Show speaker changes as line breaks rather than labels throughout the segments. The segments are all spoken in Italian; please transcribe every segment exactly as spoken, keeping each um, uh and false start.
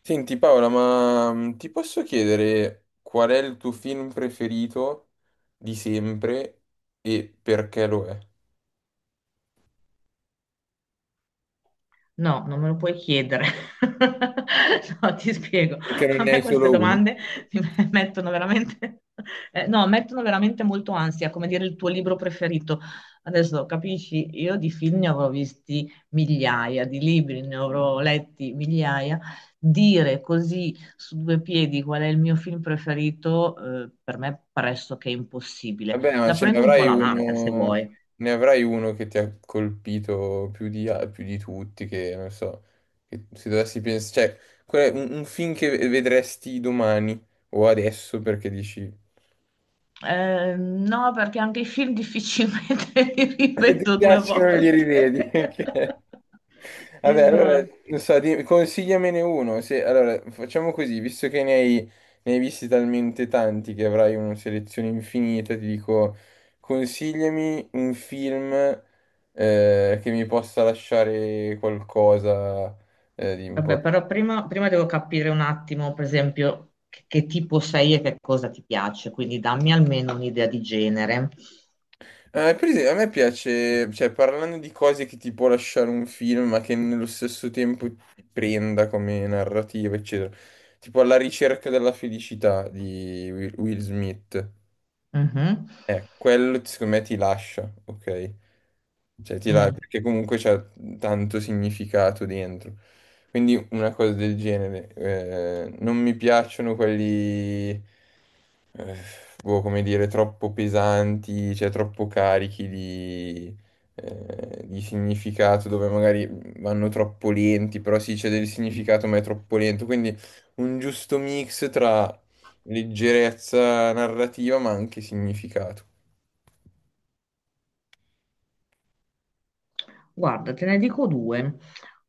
Senti Paola, ma mm, ti posso chiedere qual è il tuo film preferito di sempre e perché lo è?
No, non me lo puoi chiedere. No, ti spiego.
Perché non
A
ne
me
hai
queste
solo uno?
domande mi me- mettono veramente, eh, no, mettono veramente molto ansia, come dire il tuo libro preferito. Adesso capisci, io di film ne avrò visti migliaia, di libri ne avrò letti migliaia. Dire così su due piedi qual è il mio film preferito, eh, per me è pressoché impossibile.
Vabbè, ma
La
ce ne
prendo un po'
avrai
alla larga, se
uno,
vuoi.
ne avrai uno che ti ha colpito più di, a- più di tutti, che non so, che se dovessi pensare, cioè, qual è un, un film che vedresti domani o adesso perché dici,
Eh, no, perché anche i film difficilmente li
Se ti
rivedo due
piacciono li rivedi.
volte.
Ok. Vabbè, allora,
Esatto.
non so, di- consigliamene uno. Se- allora, facciamo così, visto che ne hai, ne hai visti talmente tanti che avrai una selezione infinita, ti dico, consigliami un film eh, che mi possa lasciare qualcosa, eh, di
Vabbè,
importante.
però prima, prima devo capire un attimo, per esempio, che, che tipo sei e che cosa ti piace, quindi dammi almeno un'idea di genere.
Eh, per esempio, a me piace, cioè, parlando di cose che ti può lasciare un film, ma che nello stesso tempo ti prenda come narrativa, eccetera. Tipo La ricerca della felicità di Will Will Smith.
Mhm.
Eh, quello secondo me ti lascia, ok? Cioè, ti la-
Mm.
perché comunque c'è tanto significato dentro. Quindi una cosa del genere. Eh, non mi piacciono quelli, boh, come dire, troppo pesanti, cioè troppo carichi di, eh, di significato, dove magari vanno troppo lenti, però sì, c'è del significato, ma è troppo lento. Quindi un giusto mix tra leggerezza narrativa, ma anche significato.
Guarda, te ne dico due.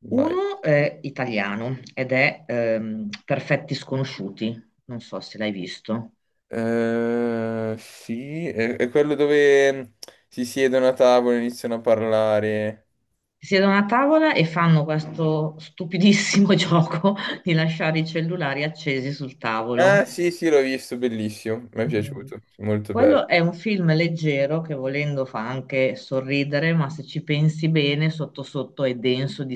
Vai.
Uno è italiano ed è ehm, Perfetti Sconosciuti, non so se l'hai visto.
Eh, sì, è, è quello dove si siedono a tavola e iniziano a parlare.
Si siedono a tavola e fanno questo stupidissimo gioco di lasciare i cellulari accesi sul tavolo.
Ah, sì, sì, l'ho visto, bellissimo, mi è
Mm.
piaciuto, molto bello.
Quello è un film leggero che volendo fa anche sorridere, ma se ci pensi bene, sotto sotto è denso di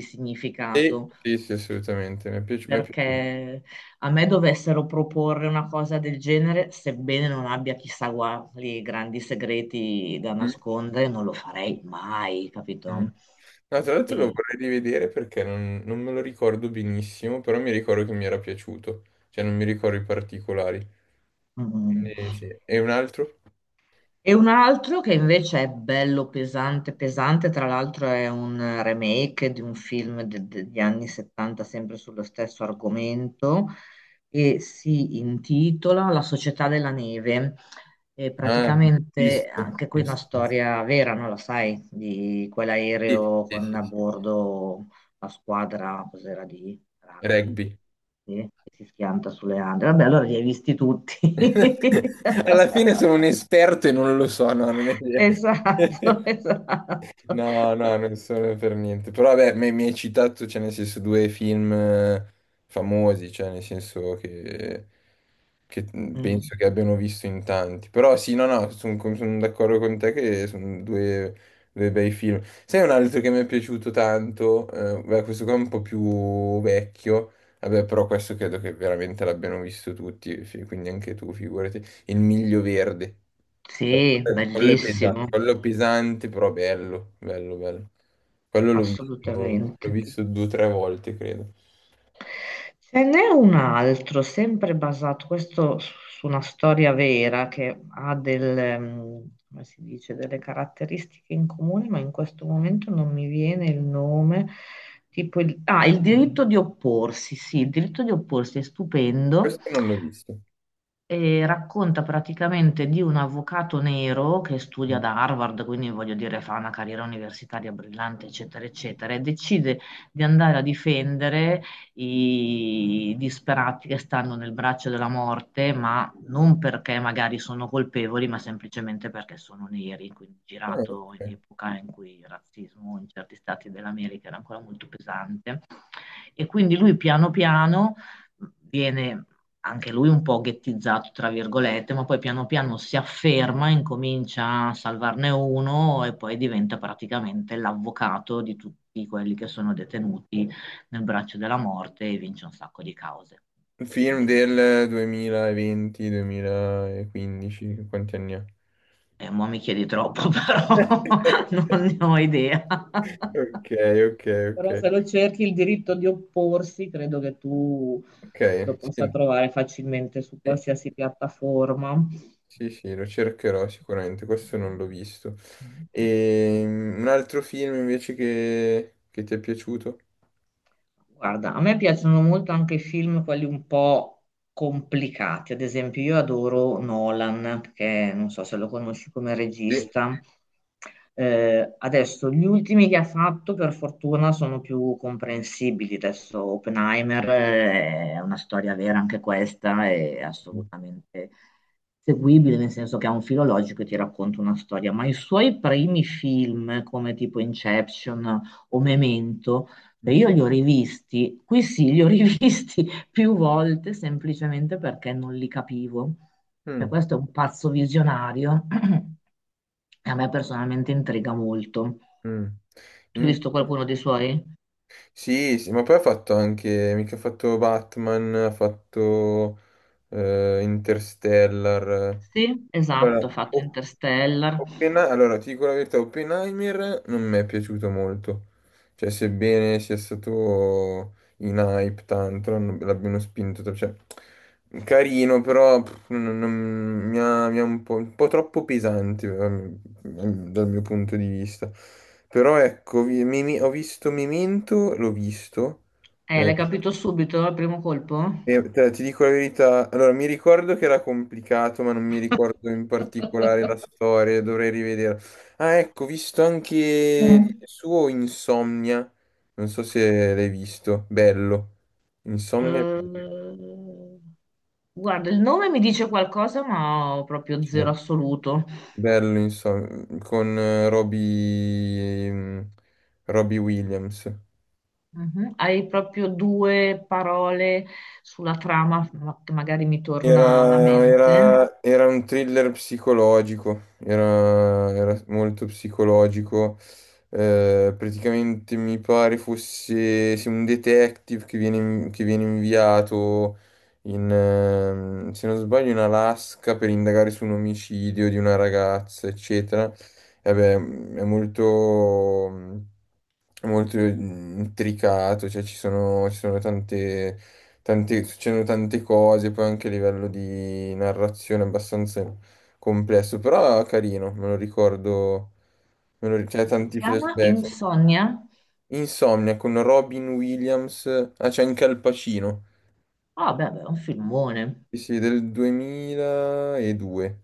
Sì,
significato,
sì, sì, assolutamente, mi è piaci- mi è piaciuto.
perché a me dovessero proporre una cosa del genere, sebbene non abbia chissà quali grandi segreti da
Mm,
nascondere, non lo farei mai,
mm.
capito?
No, tra l'altro lo
E,
vorrei rivedere perché non, non me lo ricordo benissimo, però mi ricordo che mi era piaciuto, cioè non mi ricordo i particolari.
mm.
Quindi sì. E un altro?
E un altro che invece è bello pesante, pesante, tra l'altro è un remake di un film de- de- degli anni settanta sempre sullo stesso argomento e si intitola La società della neve. E
Ah,
praticamente
visto,
anche qui una
visto.
storia vera, non la sai, di
Sì,
quell'aereo
sì,
con
sì,
a
sì.
bordo la squadra, cos'era di rugby,
Rugby.
sì, che si schianta sulle Ande. Vabbè, allora li hai visti tutti.
Alla fine sono un esperto e non lo so, no, non è vero.
Esatto, esatto.
No, no, non sono per niente. Però vabbè, mi mi hai citato, cioè, nel senso, due film, eh, famosi, cioè, nel senso che, che mm,
Mm,
penso che abbiano visto in tanti. Però sì, no, no, sono d'accordo con te che sono due, due bei film. Sai un altro che mi è piaciuto tanto? Eh, beh, questo qua è un po' più vecchio. Vabbè, però questo credo che veramente l'abbiano visto tutti, fi- quindi anche tu, figurati. Il Miglio Verde.
sì,
Quello è
bellissimo,
pesante, quello pesante, però bello, bello, bello. Quello l'ho visto, l'ho
assolutamente.
visto due o tre volte, credo.
Ce n'è un altro, sempre basato, questo su su una storia vera che ha del, mm, come si dice, delle caratteristiche in comune, ma in questo momento non mi viene il nome. Tipo il, ah, il diritto di opporsi, sì, il diritto di opporsi è stupendo.
Questo non l'ho visto.
E racconta praticamente di un avvocato nero che studia ad Harvard, quindi voglio dire fa una carriera universitaria brillante, eccetera, eccetera, e decide di andare a difendere i disperati che stanno nel braccio della morte, ma non perché magari sono colpevoli, ma semplicemente perché sono neri, quindi
Ah,
girato in
ok.
epoca in cui il razzismo in certi stati dell'America era ancora molto pesante. E quindi lui piano piano viene anche lui un po' ghettizzato, tra virgolette, ma poi piano piano si afferma, incomincia a salvarne uno e poi diventa praticamente l'avvocato di tutti quelli che sono detenuti nel braccio della morte e vince un sacco di cause.
Un film
Film.
del duemilaventi, duemilaquindici, quanti anni ha?
E mo' mi chiedi troppo, però non ne ho idea.
Ok, ok, ok.
Però se lo cerchi il diritto di opporsi, credo che tu
Ok,
lo
sì.
possa trovare facilmente su
Sì.
qualsiasi piattaforma.
Sì, sì, lo cercherò sicuramente, questo non l'ho visto.
Mm.
E mm, un altro film invece che, che ti è piaciuto?
Guarda, a me piacciono molto anche i film, quelli un po' complicati. Ad esempio, io adoro Nolan, perché non so se lo conosci come
Sì.
regista. Eh, adesso, gli ultimi che ha fatto, per fortuna, sono più comprensibili. Adesso, Oppenheimer eh, è una storia vera anche questa, è assolutamente seguibile, nel senso che ha un filo logico e ti racconta una storia. Ma i suoi primi film, come tipo Inception o Memento, e
Mm,
io li ho rivisti, qui sì, li ho rivisti più volte semplicemente perché non li capivo. Cioè,
mm,
questo è un pazzo visionario e a me personalmente intriga molto.
mm.
Tu hai
In-
visto qualcuno dei suoi?
Sì, sì, ma poi ha fatto anche, mica ha fatto Batman, ha fatto eh, Interstellar.
Sì, esatto, ha
Allora,
fatto
o
Interstellar.
Oppen- Allora, ti dico la verità, Oppenheimer non mi è piaciuto molto. Cioè, sebbene sia stato in hype tanto, non- l'abbiano spinto, tra- cioè, carino, però pff, non- non- mi ha, mi ha un po', un po' troppo pesante, eh, dal mio punto di vista. Però ecco, vi- mi- mi- ho visto Memento, l'ho visto,
Eh,
eh,
l'hai capito subito al primo colpo?
e te- ti dico la verità, allora mi ricordo che era complicato, ma non mi ricordo in particolare la storia, dovrei rivedere. Ah, ecco, ho visto anche il
Mm.
suo Insomnia, non so se l'hai visto, bello. Insomnia,
Eh, guarda, il nome mi dice qualcosa, ma ho proprio
sì.
zero assoluto.
Bello, insomma, con eh, Robbie, mm, Robbie Williams.
Mhm. Hai proprio due parole sulla trama ma- che magari mi torna alla
Era,
mente.
era- era un thriller psicologico, era, era molto psicologico. Eh, praticamente mi pare fosse sì, un detective che viene, che viene inviato in, ehm, se non sbaglio, in Alaska per indagare su un omicidio di una ragazza, eccetera. E vabbè, è molto, molto intricato, cioè ci sono, ci sono tante tanti- succedono tante cose, poi anche a livello di narrazione è abbastanza complesso, però carino, me lo ricordo, me lo, ri- c'è
Si
tanti
chiama
flashback.
Insonnia.
Insomnia con Robin Williams, ah c'è anche Al Pacino,
Ah, beh, beh, è un filmone.
sì, sì, del duemiladue,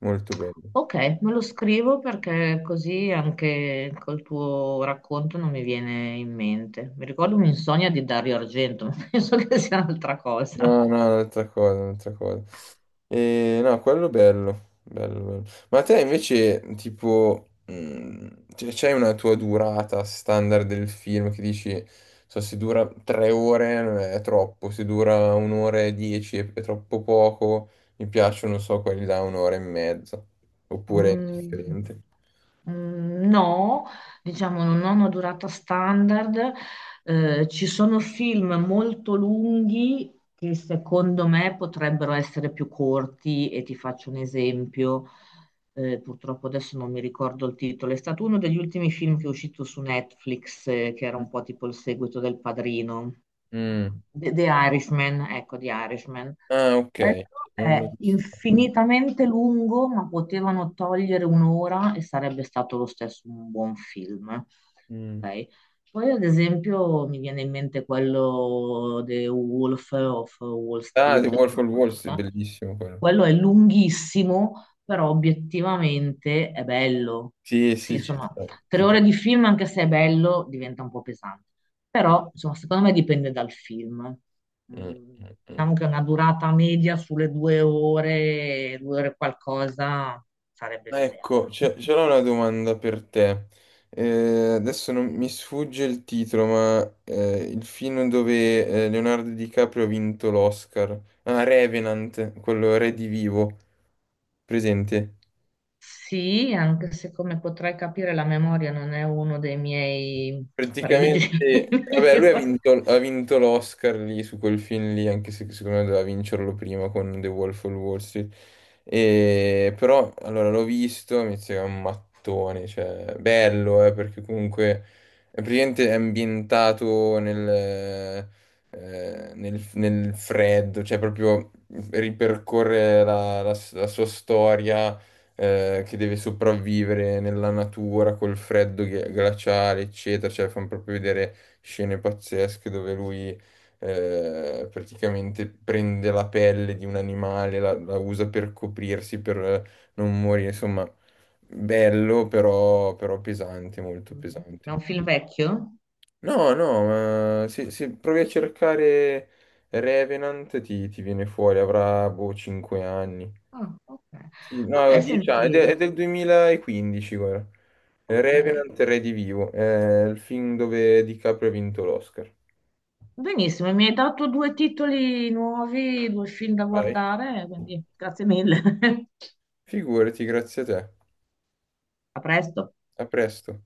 molto bello.
Ok, me lo scrivo perché così anche col tuo racconto non mi viene in mente. Mi ricordo un'insonnia di Dario Argento, ma penso che sia un'altra
No,
cosa.
no, un'altra cosa, un'altra cosa. Eh, no, quello bello, bello, bello. Ma te invece, tipo, mh, cioè, c'hai una tua durata standard del film che dici, so, se dura tre ore, eh, è troppo, se dura un'ora e dieci è, è troppo poco, mi piacciono, non so, quelli da un'ora e mezza, oppure è
Mm.
differente.
Mm, no, diciamo non ho una durata standard. Eh, ci sono film molto lunghi che secondo me potrebbero essere più corti e ti faccio un esempio, eh, purtroppo adesso non mi ricordo il titolo, è stato uno degli ultimi film che è uscito su Netflix, eh, che era un po' tipo il seguito del Padrino,
Mm.
The, The Irishman, ecco, The Irishman.
Ah, ok.
Quello
Non
è
l'ho visto.
infinitamente lungo, ma potevano togliere un'ora e sarebbe stato lo stesso un buon film.
Mm.
Ok? Poi, ad esempio, mi viene in mente quello The Wolf of Wall
Ah, The
Street,
Wolf of Wall Street,
quello
bellissimo quello.
quello è lunghissimo, però obiettivamente è bello.
Sì,
Sì,
sì, ci
insomma,
sta.
tre
Tipo...
ore di film, anche se è bello, diventa un po' pesante. Però, insomma, secondo me dipende dal film.
Mm,
Mm.
mm, mm.
Diciamo che una durata media sulle due ore, due ore qualcosa, sarebbe l'idea.
Ecco, c'è- c'era una domanda per te. Eh, adesso non mi sfugge il titolo, ma eh, il film dove eh, Leonardo DiCaprio ha vinto l'Oscar. Ah, Revenant, quello Re di Vivo, presente?
Sì, anche se come potrai capire la memoria non è uno dei miei pregi
Praticamente, vabbè, lui ha
migliori.
vinto, ha vinto l'Oscar lì su quel film lì, anche se secondo me doveva vincerlo prima con The Wolf of Wall Street. E, però, allora, l'ho visto, mi sembra un mattone, cioè, bello, eh, perché comunque è praticamente ambientato nel, eh, nel, nel freddo, cioè proprio ripercorre la la- la sua storia, eh, che deve sopravvivere nella natura col freddo ghi- glaciale, eccetera. Cioè, fanno proprio vedere scene pazzesche dove lui, eh, praticamente prende la pelle di un animale, la, la usa per coprirsi, per eh, non morire. Insomma, bello, però, però pesante, molto pesante.
È un film vecchio?
No, no, ma se, se provi a cercare Revenant ti, ti viene fuori, avrà boh cinque anni.
Ah, ok.
Sì, no,
Vabbè,
dieci anni, ed è, de-
senti,
è del duemilaquindici, guarda.
ok.
Revenant Redivivo, è il film dove DiCaprio ha vinto l'Oscar.
Benissimo, mi hai dato due titoli nuovi, due film da
Vai.
guardare, quindi grazie mille.
Figurati, grazie a te.
A presto.
A presto.